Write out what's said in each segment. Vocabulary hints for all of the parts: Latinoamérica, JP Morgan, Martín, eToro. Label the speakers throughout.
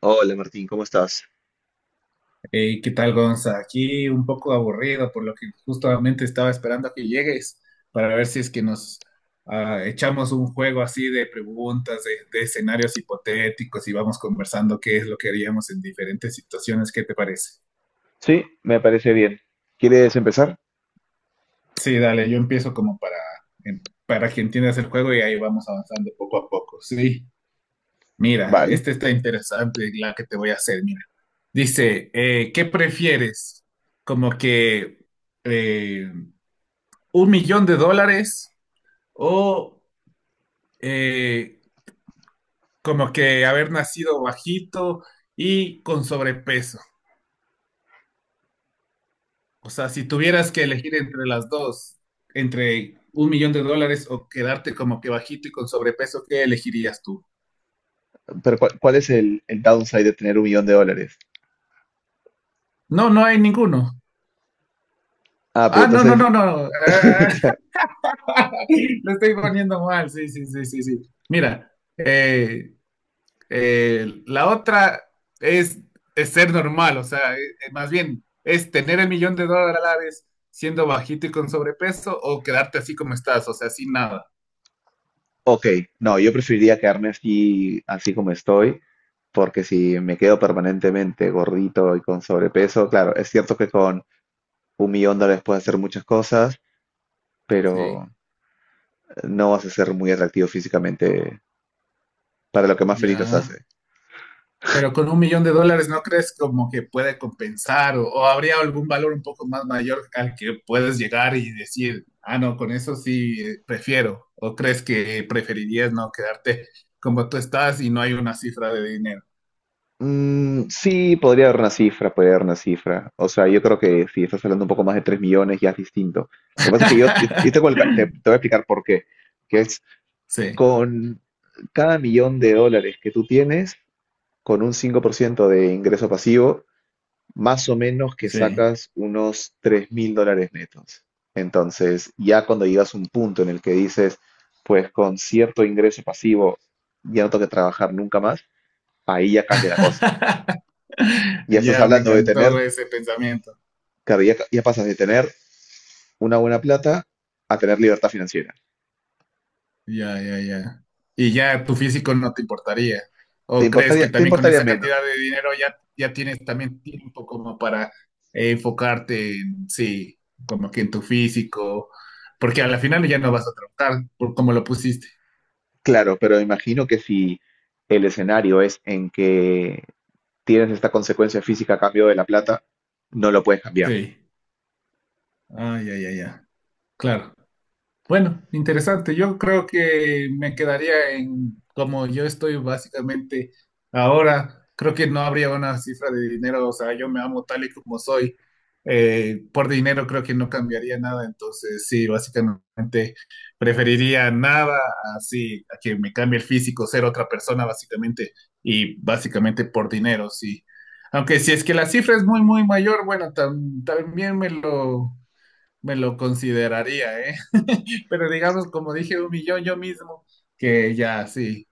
Speaker 1: Hola Martín, ¿cómo estás?
Speaker 2: Hey, ¿qué tal, Gonza? Aquí un poco aburrido, por lo que justamente estaba esperando a que llegues para ver si es que nos echamos un juego así de preguntas, de escenarios hipotéticos y vamos conversando qué es lo que haríamos en diferentes situaciones. ¿Qué te parece?
Speaker 1: Sí, me parece bien. ¿Quieres empezar?
Speaker 2: Sí, dale, yo empiezo como para, para que entiendas el juego y ahí vamos avanzando poco a poco. Sí, mira,
Speaker 1: Vale,
Speaker 2: este está interesante, la que te voy a hacer, mira. Dice, ¿qué prefieres? Como que... eh, un millón de dólares o eh, como que haber nacido bajito y con sobrepeso. O sea, si tuvieras que elegir entre las dos, entre un millón de dólares o quedarte como que bajito y con sobrepeso, ¿qué elegirías tú?
Speaker 1: pero ¿¿cuál es el downside de tener $1 millón?
Speaker 2: No, no hay ninguno.
Speaker 1: Ah, pero
Speaker 2: Ah, no, no,
Speaker 1: entonces,
Speaker 2: no, no. Ah, lo estoy poniendo mal. Sí, sí, sí, sí, sí. Mira, eh, la otra es, es ser normal, o sea, más bien es tener el millón de dólares siendo bajito y con sobrepeso o quedarte así como estás, o sea, sin nada.
Speaker 1: ok, no, yo preferiría quedarme así como estoy, porque si me quedo permanentemente gordito y con sobrepeso, claro, es cierto que con $1 millón puedes hacer muchas cosas,
Speaker 2: Sí,
Speaker 1: pero no vas a ser muy atractivo físicamente para lo que más feliz los
Speaker 2: ya.
Speaker 1: hace.
Speaker 2: Pero con un millón de dólares no crees como que puede compensar o habría algún valor un poco más mayor al que puedes llegar y decir, ah, no, con eso sí prefiero. ¿O crees que preferirías no quedarte como tú estás y no hay una cifra de dinero?
Speaker 1: Mm, sí, podría dar una cifra. O sea, yo creo que si estás hablando un poco más de 3 millones ya es distinto. Lo que pasa es que yo tengo el te, te voy a explicar por qué, que es
Speaker 2: Sí.
Speaker 1: con cada $1 millón que tú tienes, con un 5% de ingreso pasivo, más o menos que
Speaker 2: Sí.
Speaker 1: sacas unos $3.000 netos. Entonces, ya cuando llegas a un punto en el que dices, pues con cierto ingreso pasivo ya no tengo que trabajar nunca más, ahí ya cambia la cosa. Ya estás
Speaker 2: Ya, me
Speaker 1: hablando de
Speaker 2: encantó
Speaker 1: tener.
Speaker 2: ese pensamiento.
Speaker 1: Claro, ya pasas de tener una buena plata a tener libertad financiera.
Speaker 2: Ya, ya, ya. Y ya tu físico no te importaría.
Speaker 1: ¿Te
Speaker 2: ¿O crees
Speaker 1: importaría,
Speaker 2: que
Speaker 1: te
Speaker 2: también con
Speaker 1: importaría
Speaker 2: esa
Speaker 1: menos?
Speaker 2: cantidad de dinero ya, ya tienes también tiempo como para enfocarte en, sí, como que en tu físico? Porque a la final ya no vas a trabajar por cómo lo pusiste.
Speaker 1: Claro, pero imagino que si el escenario es en que tienes esta consecuencia física a cambio de la plata, no lo puedes cambiar.
Speaker 2: Sí. Ah, ya, ya, ya. Claro. Bueno, interesante. Yo creo que me quedaría en como yo estoy básicamente ahora. Creo que no habría una cifra de dinero. O sea, yo me amo tal y como soy. Por dinero creo que no cambiaría nada. Entonces, sí, básicamente preferiría nada así a que me cambie el físico, ser otra persona básicamente. Y básicamente por dinero, sí. Aunque si es que la cifra es muy, muy mayor, bueno, también me lo consideraría, ¿eh? Pero digamos, como dije, un millón yo mismo, que ya, sí.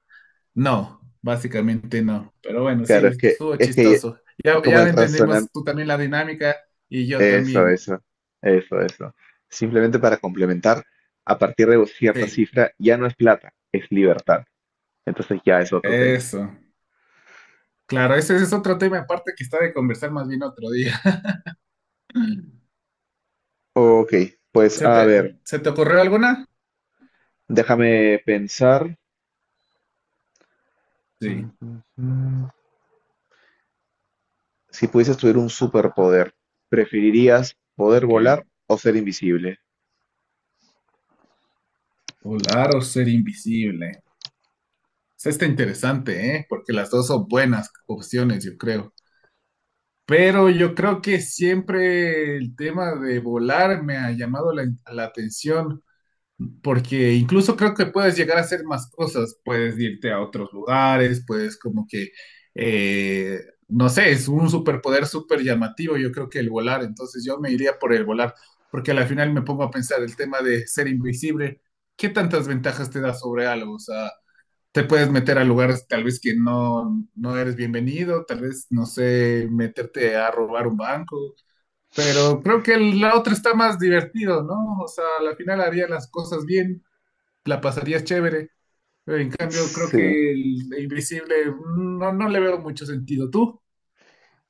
Speaker 2: No, básicamente no. Pero bueno,
Speaker 1: Claro,
Speaker 2: sí,
Speaker 1: es que,
Speaker 2: estuvo
Speaker 1: es que
Speaker 2: chistoso. Ya,
Speaker 1: como
Speaker 2: ya
Speaker 1: el razonar,
Speaker 2: entendimos tú también la dinámica y yo
Speaker 1: eso,
Speaker 2: también.
Speaker 1: eso, eso. Simplemente para complementar, a partir de cierta
Speaker 2: Sí,
Speaker 1: cifra ya no es plata, es libertad. Entonces ya es otro tema.
Speaker 2: eso. Claro, ese es otro tema aparte que está de conversar más bien otro día.
Speaker 1: Ok, pues
Speaker 2: ¿Se
Speaker 1: a
Speaker 2: te,
Speaker 1: ver,
Speaker 2: Se te ocurrió alguna?
Speaker 1: déjame pensar.
Speaker 2: Sí,
Speaker 1: Ujú. Si pudieses tener un superpoder, ¿preferirías poder
Speaker 2: ok.
Speaker 1: volar o ser invisible?
Speaker 2: Volar o ser invisible. Esa está interesante, ¿eh? Porque las dos son buenas opciones, yo creo. Pero yo creo que siempre el tema de volar me ha llamado la atención, porque incluso creo que puedes llegar a hacer más cosas, puedes irte a otros lugares, puedes como que, eh, no sé, es un superpoder súper llamativo, yo creo que el volar, entonces yo me iría por el volar, porque al final me pongo a pensar el tema de ser invisible, ¿qué tantas ventajas te da sobre algo? O sea, te puedes meter a lugares tal vez que no, no eres bienvenido, tal vez, no sé, meterte a robar un banco, pero creo que la otra está más divertido, ¿no? O sea, al final harías las cosas bien, la pasarías chévere, pero en cambio creo
Speaker 1: Sí.
Speaker 2: que el invisible mm, no, no le veo mucho sentido. ¿Tú?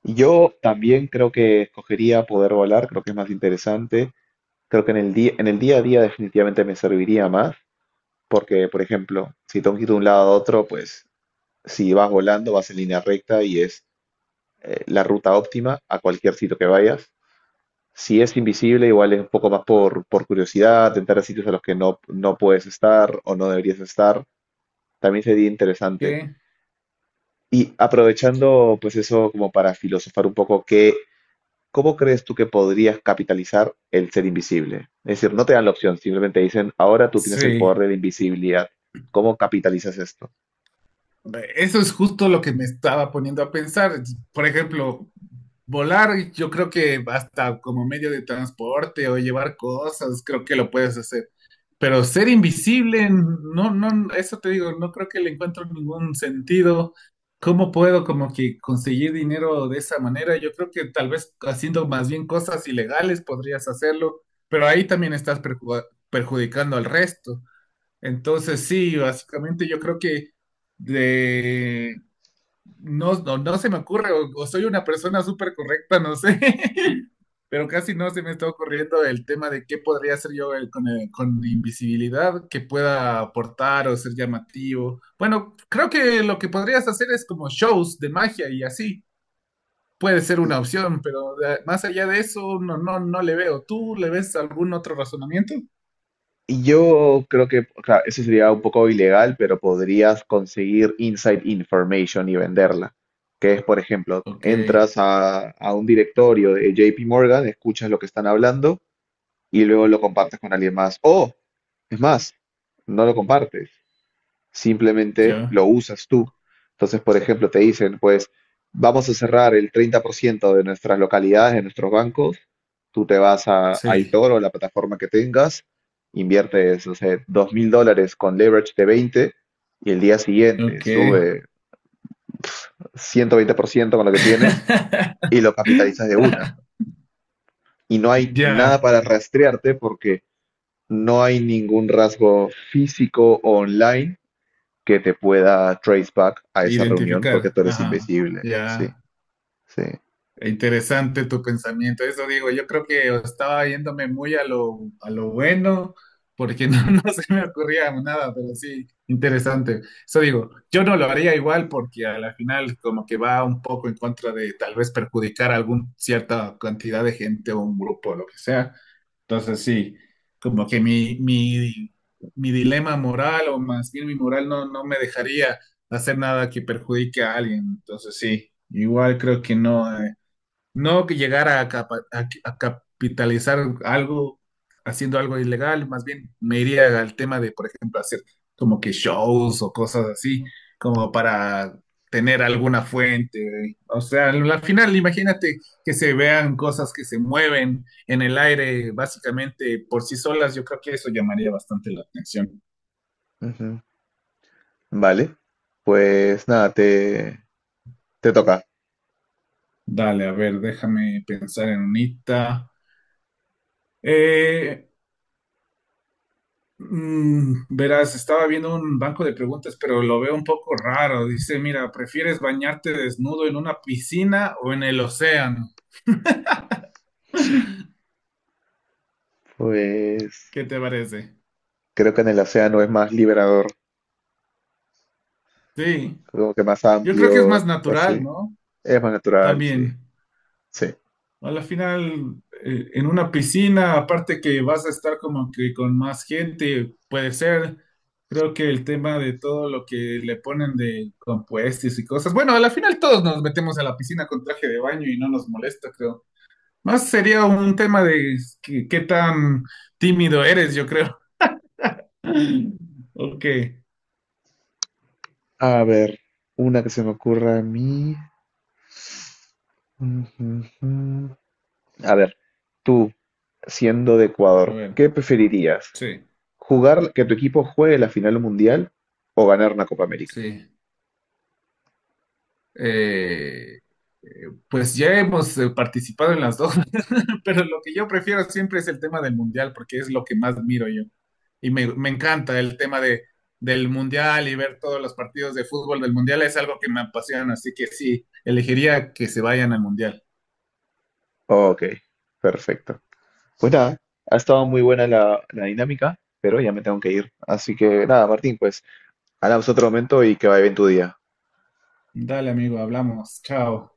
Speaker 1: Yo también creo que escogería poder volar, creo que es más interesante. Creo que en el día a día definitivamente me serviría más, porque, por ejemplo, si tengo que ir de un lado a otro, pues si vas volando, vas en línea recta y es la ruta óptima a cualquier sitio que vayas. Si es invisible, igual es un poco más por curiosidad, entrar a sitios a los que no, no puedes estar o no deberías estar. También sería interesante.
Speaker 2: ¿Qué?
Speaker 1: Y aprovechando pues eso como para filosofar un poco, ¿cómo crees tú que podrías capitalizar el ser invisible? Es decir, no te dan la opción, simplemente dicen, ahora tú tienes el
Speaker 2: Sí,
Speaker 1: poder de la invisibilidad. ¿Cómo capitalizas esto?
Speaker 2: eso es justo lo que me estaba poniendo a pensar. Por ejemplo, volar, yo creo que hasta como medio de transporte o llevar cosas, creo que lo puedes hacer. Pero ser invisible, no, no, eso te digo, no creo que le encuentro ningún sentido. ¿Cómo puedo como que conseguir dinero de esa manera? Yo creo que tal vez haciendo más bien cosas ilegales podrías hacerlo, pero ahí también estás perjudicando al resto. Entonces sí, básicamente yo creo que de no, no, no se me ocurre, o soy una persona súper correcta, no sé, pero casi no se me está ocurriendo el tema de qué podría hacer yo con invisibilidad que pueda aportar o ser llamativo. Bueno, creo que lo que podrías hacer es como shows de magia y así. Puede ser una opción, pero más allá de eso, no, no, no le veo. ¿Tú le ves algún otro razonamiento?
Speaker 1: Y yo creo que, claro, eso sería un poco ilegal, pero podrías conseguir inside information y venderla. Que es, por ejemplo,
Speaker 2: Ok,
Speaker 1: entras a un directorio de JP Morgan, escuchas lo que están hablando y luego lo compartes con alguien más. O, es más, no lo compartes, simplemente
Speaker 2: yo.
Speaker 1: lo usas tú. Entonces, por ejemplo, te dicen, pues, vamos a cerrar el 30% de nuestras localidades, de nuestros bancos, tú te vas a
Speaker 2: Sí.
Speaker 1: eToro, la plataforma que tengas, inviertes, no sé, $2.000 con leverage de 20 y el día siguiente
Speaker 2: Ok.
Speaker 1: sube 120% con lo que tienes y lo capitalizas de una. Y no hay nada
Speaker 2: Ya.
Speaker 1: para rastrearte porque no hay ningún rasgo físico o online que te pueda trace back a esa reunión porque
Speaker 2: Identificar,
Speaker 1: tú eres
Speaker 2: ajá,
Speaker 1: invisible. Sí,
Speaker 2: ya,
Speaker 1: sí.
Speaker 2: interesante tu pensamiento, eso digo, yo creo que estaba yéndome muy a lo bueno, porque no, no se me ocurría nada, pero sí, interesante, eso digo, yo no lo haría igual porque a la final como que va un poco en contra de tal vez perjudicar a alguna cierta cantidad de gente o un grupo o lo que sea, entonces sí, como que mi dilema moral o más bien mi moral no, no me dejaría hacer nada que perjudique a alguien. Entonces sí, igual creo que no. No que llegara a, a capitalizar algo haciendo algo ilegal, más bien me iría al tema de, por ejemplo, hacer como que shows o cosas así, como para tener alguna fuente. O sea, al final imagínate que se vean cosas que se mueven en el aire básicamente por sí solas, yo creo que eso llamaría bastante la atención.
Speaker 1: Ujú. Vale. Pues nada, te toca.
Speaker 2: Dale, a ver, déjame pensar en unita. Mm, verás, estaba viendo un banco de preguntas, pero lo veo un poco raro. Dice, mira, ¿prefieres bañarte desnudo en una piscina o en el océano?
Speaker 1: Pues
Speaker 2: ¿Qué te parece?
Speaker 1: creo que en el océano es más liberador,
Speaker 2: Sí,
Speaker 1: como que más
Speaker 2: yo creo que es más
Speaker 1: amplio, así.
Speaker 2: natural, ¿no?
Speaker 1: Es más natural, sí.
Speaker 2: También.
Speaker 1: Sí.
Speaker 2: A la final, en una piscina, aparte que vas a estar como que con más gente, puede ser. Creo que el tema de todo lo que le ponen de compuestos y cosas. Bueno, a la final todos nos metemos a la piscina con traje de baño y no nos molesta, creo. Más sería un tema de qué tan tímido eres, yo creo. Ok,
Speaker 1: A ver, una que se me ocurra a mí. Ujú, ujú. A ver, tú, siendo de
Speaker 2: a
Speaker 1: Ecuador,
Speaker 2: ver,
Speaker 1: ¿qué preferirías?
Speaker 2: sí,
Speaker 1: Jugar que tu equipo juegue la final mundial o ganar una Copa América.
Speaker 2: sí. Eh, pues ya hemos participado en las dos, pero lo que yo prefiero siempre es el tema del mundial, porque es lo que más miro yo. Y me encanta el tema de, del mundial y ver todos los partidos de fútbol del mundial, es algo que me apasiona, así que sí, elegiría que se vayan al mundial.
Speaker 1: Ok, perfecto. Pues nada, ha estado muy buena la dinámica, pero ya me tengo que ir. Así que nada, Martín, pues hablamos otro momento y que vaya bien tu día.
Speaker 2: Dale, amigo, hablamos. Chao.